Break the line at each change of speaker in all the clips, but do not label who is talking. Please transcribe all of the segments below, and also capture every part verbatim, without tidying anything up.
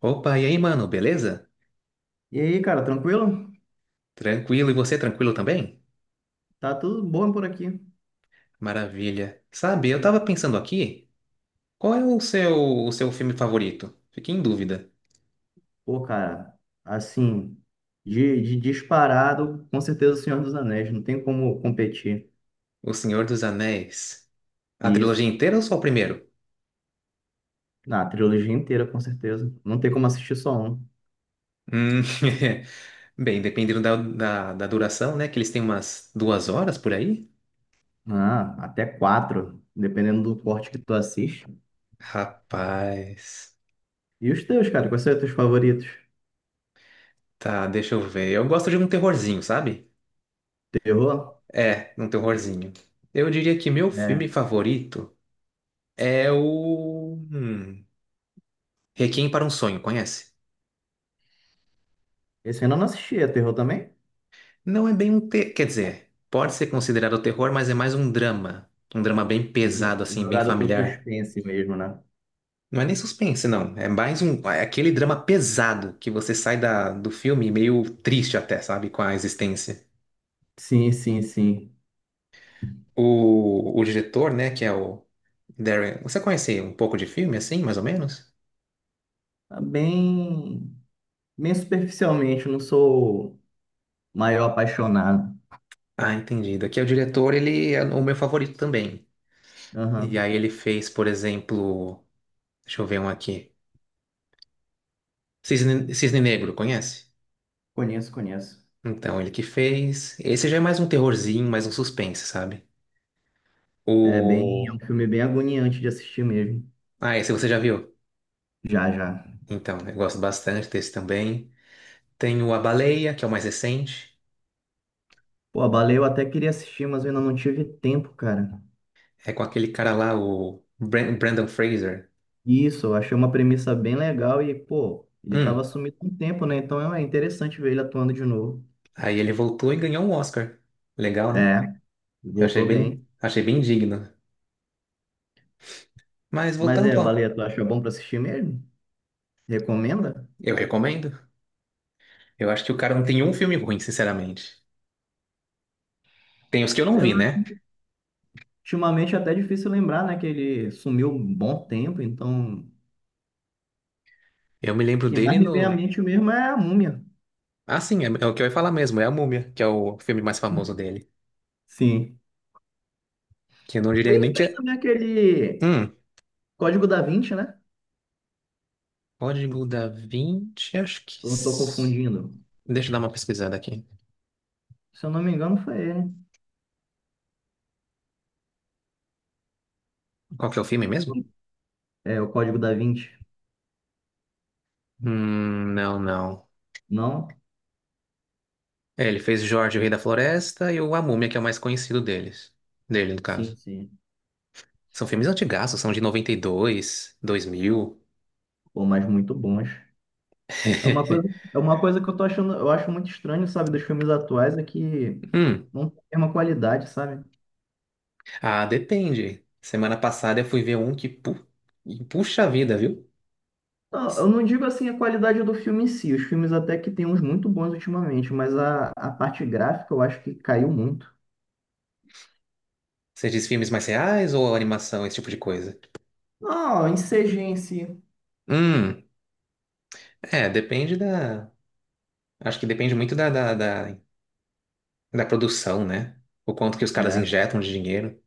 Opa, e aí, mano, beleza?
E aí, cara, tranquilo?
Tranquilo, e você tranquilo também?
Tá tudo bom por aqui.
Maravilha. Sabe, eu tava pensando aqui, qual é o seu, o seu filme favorito? Fiquei em dúvida.
Pô, cara, assim, de, de disparado, com certeza o Senhor dos Anéis, não tem como competir.
O Senhor dos Anéis. A trilogia
Isso.
inteira ou só o primeiro?
Na trilogia inteira, com certeza. Não tem como assistir só um.
Hum, bem, dependendo da, da, da duração, né? Que eles têm umas duas horas por aí.
Ah, até quatro, dependendo do corte que tu assiste.
Rapaz,
E os teus, cara, quais são os teus favoritos?
tá, deixa eu ver. Eu gosto de um terrorzinho, sabe?
Terror?
É, um terrorzinho. Eu diria que meu filme
É.
favorito é o. hum, Requiem para um Sonho, conhece?
Esse eu ainda não assisti, é terror também?
Não é bem um te... Quer dizer, pode ser considerado terror, mas é mais um drama. Um drama bem
É jo-
pesado, assim, bem
Jogado pro
familiar.
suspense mesmo, né?
Não é nem suspense, não. É mais um... É aquele drama pesado que você sai da... do filme meio triste até, sabe? Com a existência.
Sim, sim, sim.
O... o diretor, né, que é o Darren... Você conhece um pouco de filme, assim, mais ou menos?
Tá bem, bem superficialmente, não sou maior apaixonado.
Ah, entendido. Aqui é o diretor, ele é o meu favorito também. E
Aham.
aí ele fez, por exemplo... Deixa eu ver um aqui. Cisne, Cisne Negro, conhece?
Conheço, conheço.
Então, ele que fez. Esse já é mais um terrorzinho, mais um suspense, sabe?
É bem, é um
O.
filme bem agoniante de assistir mesmo.
Ah, esse você já viu?
Já, já.
Então, eu gosto bastante desse também. Tem o A Baleia, que é o mais recente.
Pô, a Baleia eu até queria assistir, mas eu ainda não tive tempo, cara.
É com aquele cara lá, o Bran- Brandon Fraser.
Isso, eu achei uma premissa bem legal e, pô, ele tava
Hum.
sumido há um tempo, né? Então é interessante ver ele atuando de novo.
Aí ele voltou e ganhou um Oscar. Legal, né?
É,
Eu achei
voltou
bem,
bem.
achei bem digno. Mas
Mas é,
voltando
a
ao.
Baleia, tu acha bom pra assistir mesmo? Recomenda?
Eu recomendo. Eu acho que o cara não tem um filme ruim, sinceramente. Tem os que eu não
Apesar,
vi, né?
de, ultimamente é até difícil lembrar, né? Que ele sumiu um bom tempo, então o
Eu me lembro
que mais
dele
me vem à
no.
mente mesmo é a Múmia.
Ah, sim, é, é o que eu ia falar mesmo, é a Múmia, que é o filme mais famoso dele.
Sim.
Que eu não diria
Ele
nem
que
que
fez
é.
também aquele
Hum,
Código da Vinci, né?
Código da Vinci, acho que.
Eu não tô
s-
confundindo.
Deixa eu dar uma pesquisada aqui.
Se eu não me engano, foi ele.
Qual que é o filme mesmo?
É, o Código da Vinci.
Hum, não, não.
Não?
É, ele fez Jorge, o Rei da Floresta e o A Múmia, que é o mais conhecido deles. Dele, no caso.
Sim, sim.
São filmes antigaços, são de noventa e dois, 2000.
Pô, mas muito bons. É uma coisa, é uma coisa que eu tô achando, eu acho muito estranho, sabe, dos filmes atuais, é que
Hum,
não tem a mesma qualidade, sabe?
ah, depende. Semana passada eu fui ver um que pu... puxa a vida, viu?
Não, eu não digo assim a qualidade do filme em si, os filmes até que tem uns muito bons ultimamente, mas a, a parte gráfica eu acho que caiu muito.
Você diz filmes mais reais ou animação, esse tipo de coisa?
Não, em C G em si.
Hum, é, depende da. Acho que depende muito da, da, da, da produção, né? O quanto que os caras
É.
injetam de dinheiro.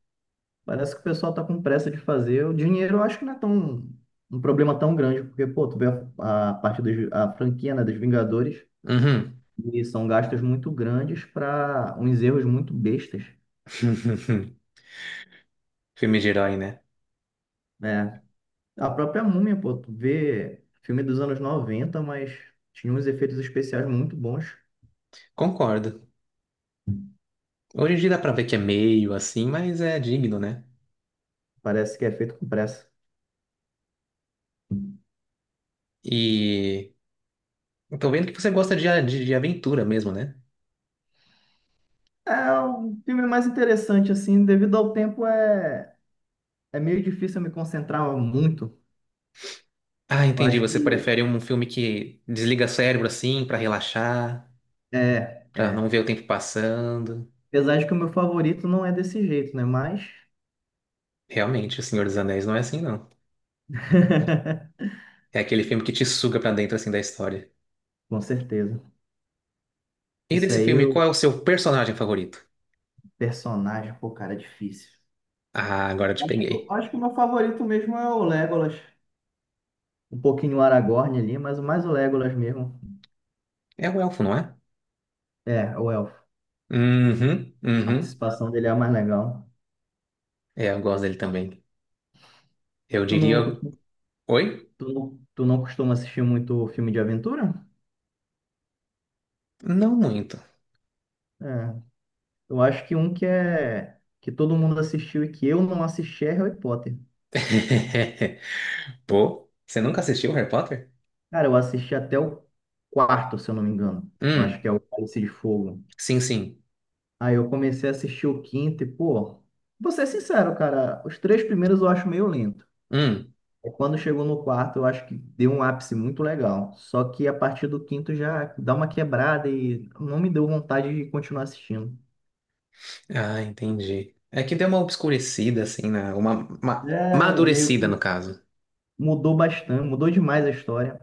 Parece que o pessoal tá com pressa de fazer. O dinheiro eu acho que não é tão um problema tão grande, porque, pô, tu vê a, a parte dos, a franquia, né, dos Vingadores,
Uhum.
e são gastos muito grandes para uns erros muito bestas,
Filme de herói, né?
né? A própria Múmia, pô, tu vê filme dos anos noventa mas tinha uns efeitos especiais muito bons.
Concordo. Hoje em dia dá pra ver que é meio assim, mas é digno, né?
Parece que é feito com pressa.
E eu tô vendo que você gosta de, a- de, de aventura mesmo, né?
É um filme mais interessante, assim, devido ao tempo é, é meio difícil eu me concentrar muito.
Ah,
Eu
entendi.
acho
Você
que
prefere um filme que desliga o cérebro assim, pra relaxar,
é
pra não
é.
ver o tempo passando.
Apesar de que o meu favorito não é desse jeito, né? Mas.
Realmente, O Senhor dos Anéis não é assim, não. É aquele filme que te suga pra dentro assim da história.
Com certeza.
E
Esse
desse
aí,
filme, qual é
o
o seu personagem favorito?
personagem, pô, cara, é difícil.
Ah, agora eu te
Acho que,
peguei.
acho que o meu favorito mesmo é o Legolas. Um pouquinho o Aragorn ali, mas o mais o Legolas mesmo.
É o elfo, não é?
É, o Elfo.
Uhum,
A
uhum.
participação dele é a mais legal.
É, eu gosto dele também. Eu
Tu
diria.
não, costu-
Oi?
tu não, tu não costuma assistir muito filme de aventura?
Não muito.
É. Eu acho que um que é. Que todo mundo assistiu e que eu não assisti é Harry Potter.
Pô, você nunca assistiu Harry Potter?
Cara, eu assisti até o quarto, se eu não me engano. Eu acho
Hum,
que é o Cálice de Fogo.
sim, sim.
Aí eu comecei a assistir o quinto e, pô, vou ser sincero, cara, os três primeiros eu acho meio lento.
Hum.
Aí quando chegou no quarto, eu acho que deu um ápice muito legal. Só que a partir do quinto já dá uma quebrada e não me deu vontade de continuar assistindo.
Ah, entendi. É que deu uma obscurecida, assim, na... uma, uma
É, meio
madurecida, no
que
caso.
mudou bastante, mudou demais a história.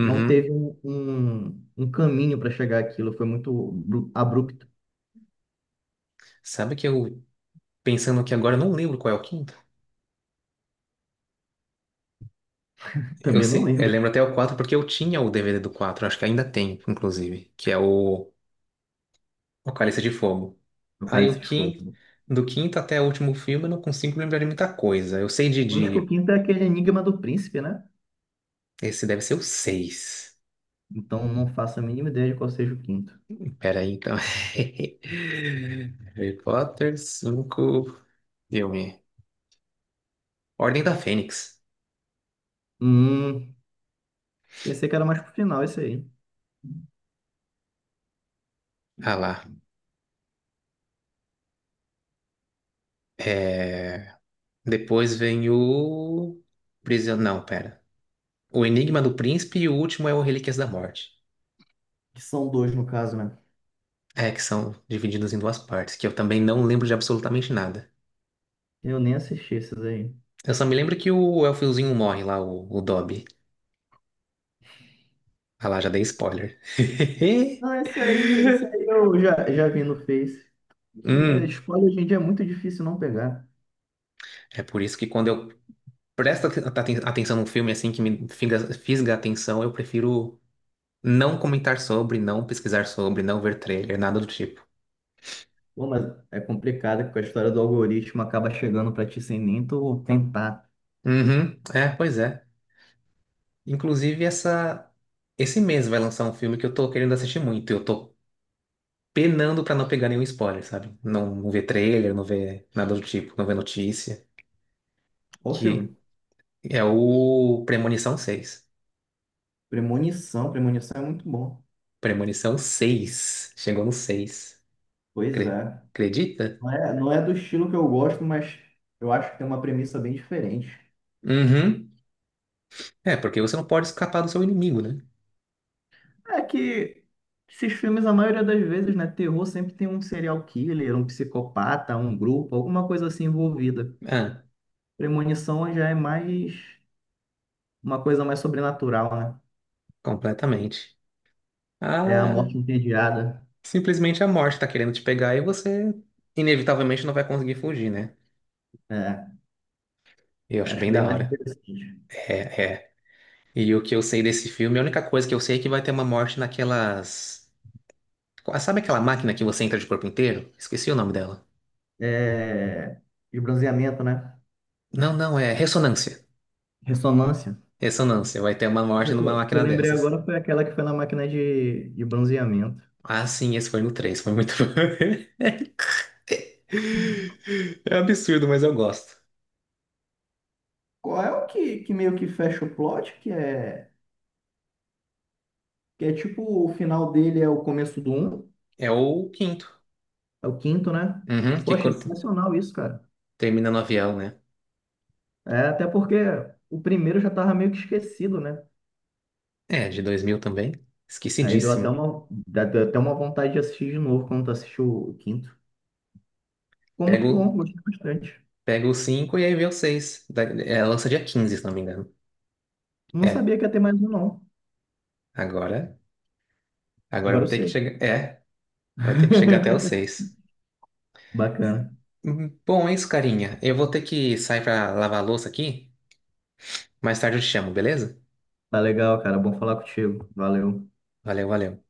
Não teve um, um, um caminho para chegar àquilo, foi muito abru- abrupto.
Sabe que eu, pensando aqui agora, eu não lembro qual é o quinto? Eu,
Também não
sei, eu
lembro
lembro até o quatro porque eu tinha o D V D do quatro. Acho que ainda tem, inclusive, que é o Apocalipse de Fogo.
do
Aí
Cálice
o
de Fogo.
quinto, do quinto até o último filme eu não consigo lembrar de muita coisa. Eu sei de,
Acho que o
de...
quinto é aquele enigma do príncipe, né?
Esse deve ser o seis.
Então não faço a mínima ideia de qual seja o quinto.
Pera aí, então. Harry Potter cinco, filme. Ordem da Fênix.
Hum, pensei que era mais pro final esse aí.
Ah lá. É... Depois vem o... Prision... Não, pera. O Enigma do Príncipe e o último é o Relíquias da Morte.
Que são dois no caso, né?
É, que são divididos em duas partes, que eu também não lembro de absolutamente nada.
Eu nem assisti esses aí.
Eu só me lembro que o elfiozinho morre lá, o, o Dobby. Ah lá, já dei spoiler.
Não, esse aí, esse aí eu já, já vi no Face. É,
Hum,
spoiler hoje em dia é muito difícil não pegar.
é por isso que quando eu presto aten- aten- atenção num filme assim que me figa- fisga a atenção, eu prefiro não comentar sobre, não pesquisar sobre, não ver trailer, nada do tipo.
Pô, mas é complicado porque a história do algoritmo acaba chegando pra ti sem nem tu tentar.
Uhum, é, pois é. Inclusive, essa, esse mês vai lançar um filme que eu tô querendo assistir muito. Eu tô penando pra não pegar nenhum spoiler, sabe? Não, não ver trailer, não ver nada do tipo, não ver notícia.
Qual filme?
Que é o Premonição seis.
Premonição, Premonição é muito bom.
Premonição seis. Chegou no seis.
Pois
Cre-
é.
Acredita?
Não é, não é do estilo que eu gosto, mas eu acho que tem uma premissa bem diferente.
Uhum. É, porque você não pode escapar do seu inimigo, né?
É que esses filmes, a maioria das vezes, né? Terror sempre tem um serial killer, um psicopata, um grupo, alguma coisa assim envolvida.
Ah,
Premonição já é mais uma coisa mais sobrenatural, né?
completamente.
É a
Ah,
morte entediada.
simplesmente a morte tá querendo te pegar e você inevitavelmente não vai conseguir fugir, né?
É,
Eu acho
acho
bem
bem
da
mais
hora.
interessante.
É, é. E o que eu sei desse filme, a única coisa que eu sei é que vai ter uma morte naquelas. Sabe aquela máquina que você entra de corpo inteiro? Esqueci o nome dela.
É, de bronzeamento, né?
Não, não, é ressonância.
Ressonância.
Ressonância, vai ter uma morte
Eu-
numa
O que eu
máquina
lembrei
dessas.
agora foi aquela que foi na máquina de, de bronzeamento.
Ah, sim, esse foi no três, foi muito bom. É absurdo, mas eu gosto.
Qual é o que, que meio que fecha o plot? Que é, que é tipo o final dele é o começo do um?
É o quinto.
É o quinto, né?
Uhum, que
Poxa,
cor-
sensacional isso, cara.
termina no avião, né?
É, até porque o primeiro já tava meio que esquecido, né?
É, de dois mil também.
Aí deu até
Esquecidíssimo.
uma, dá- deu até uma vontade de assistir de novo quando tu assistiu o quinto. Ficou muito
Pego,
bom, gostei bastante.
pego o cinco e aí vem o seis. Da- É, lança dia quinze, se não me engano.
Não
É,
sabia que ia ter mais um, não.
agora, agora
Agora
vai
eu
ter que
sei.
chegar. É, vai ter que chegar até o seis.
Bacana.
Hum, Bom, é isso, carinha. Eu vou ter que sair pra lavar a louça aqui. Mais tarde eu te chamo, beleza?
Tá legal, cara. Bom falar contigo. Valeu.
Valeu, valeu.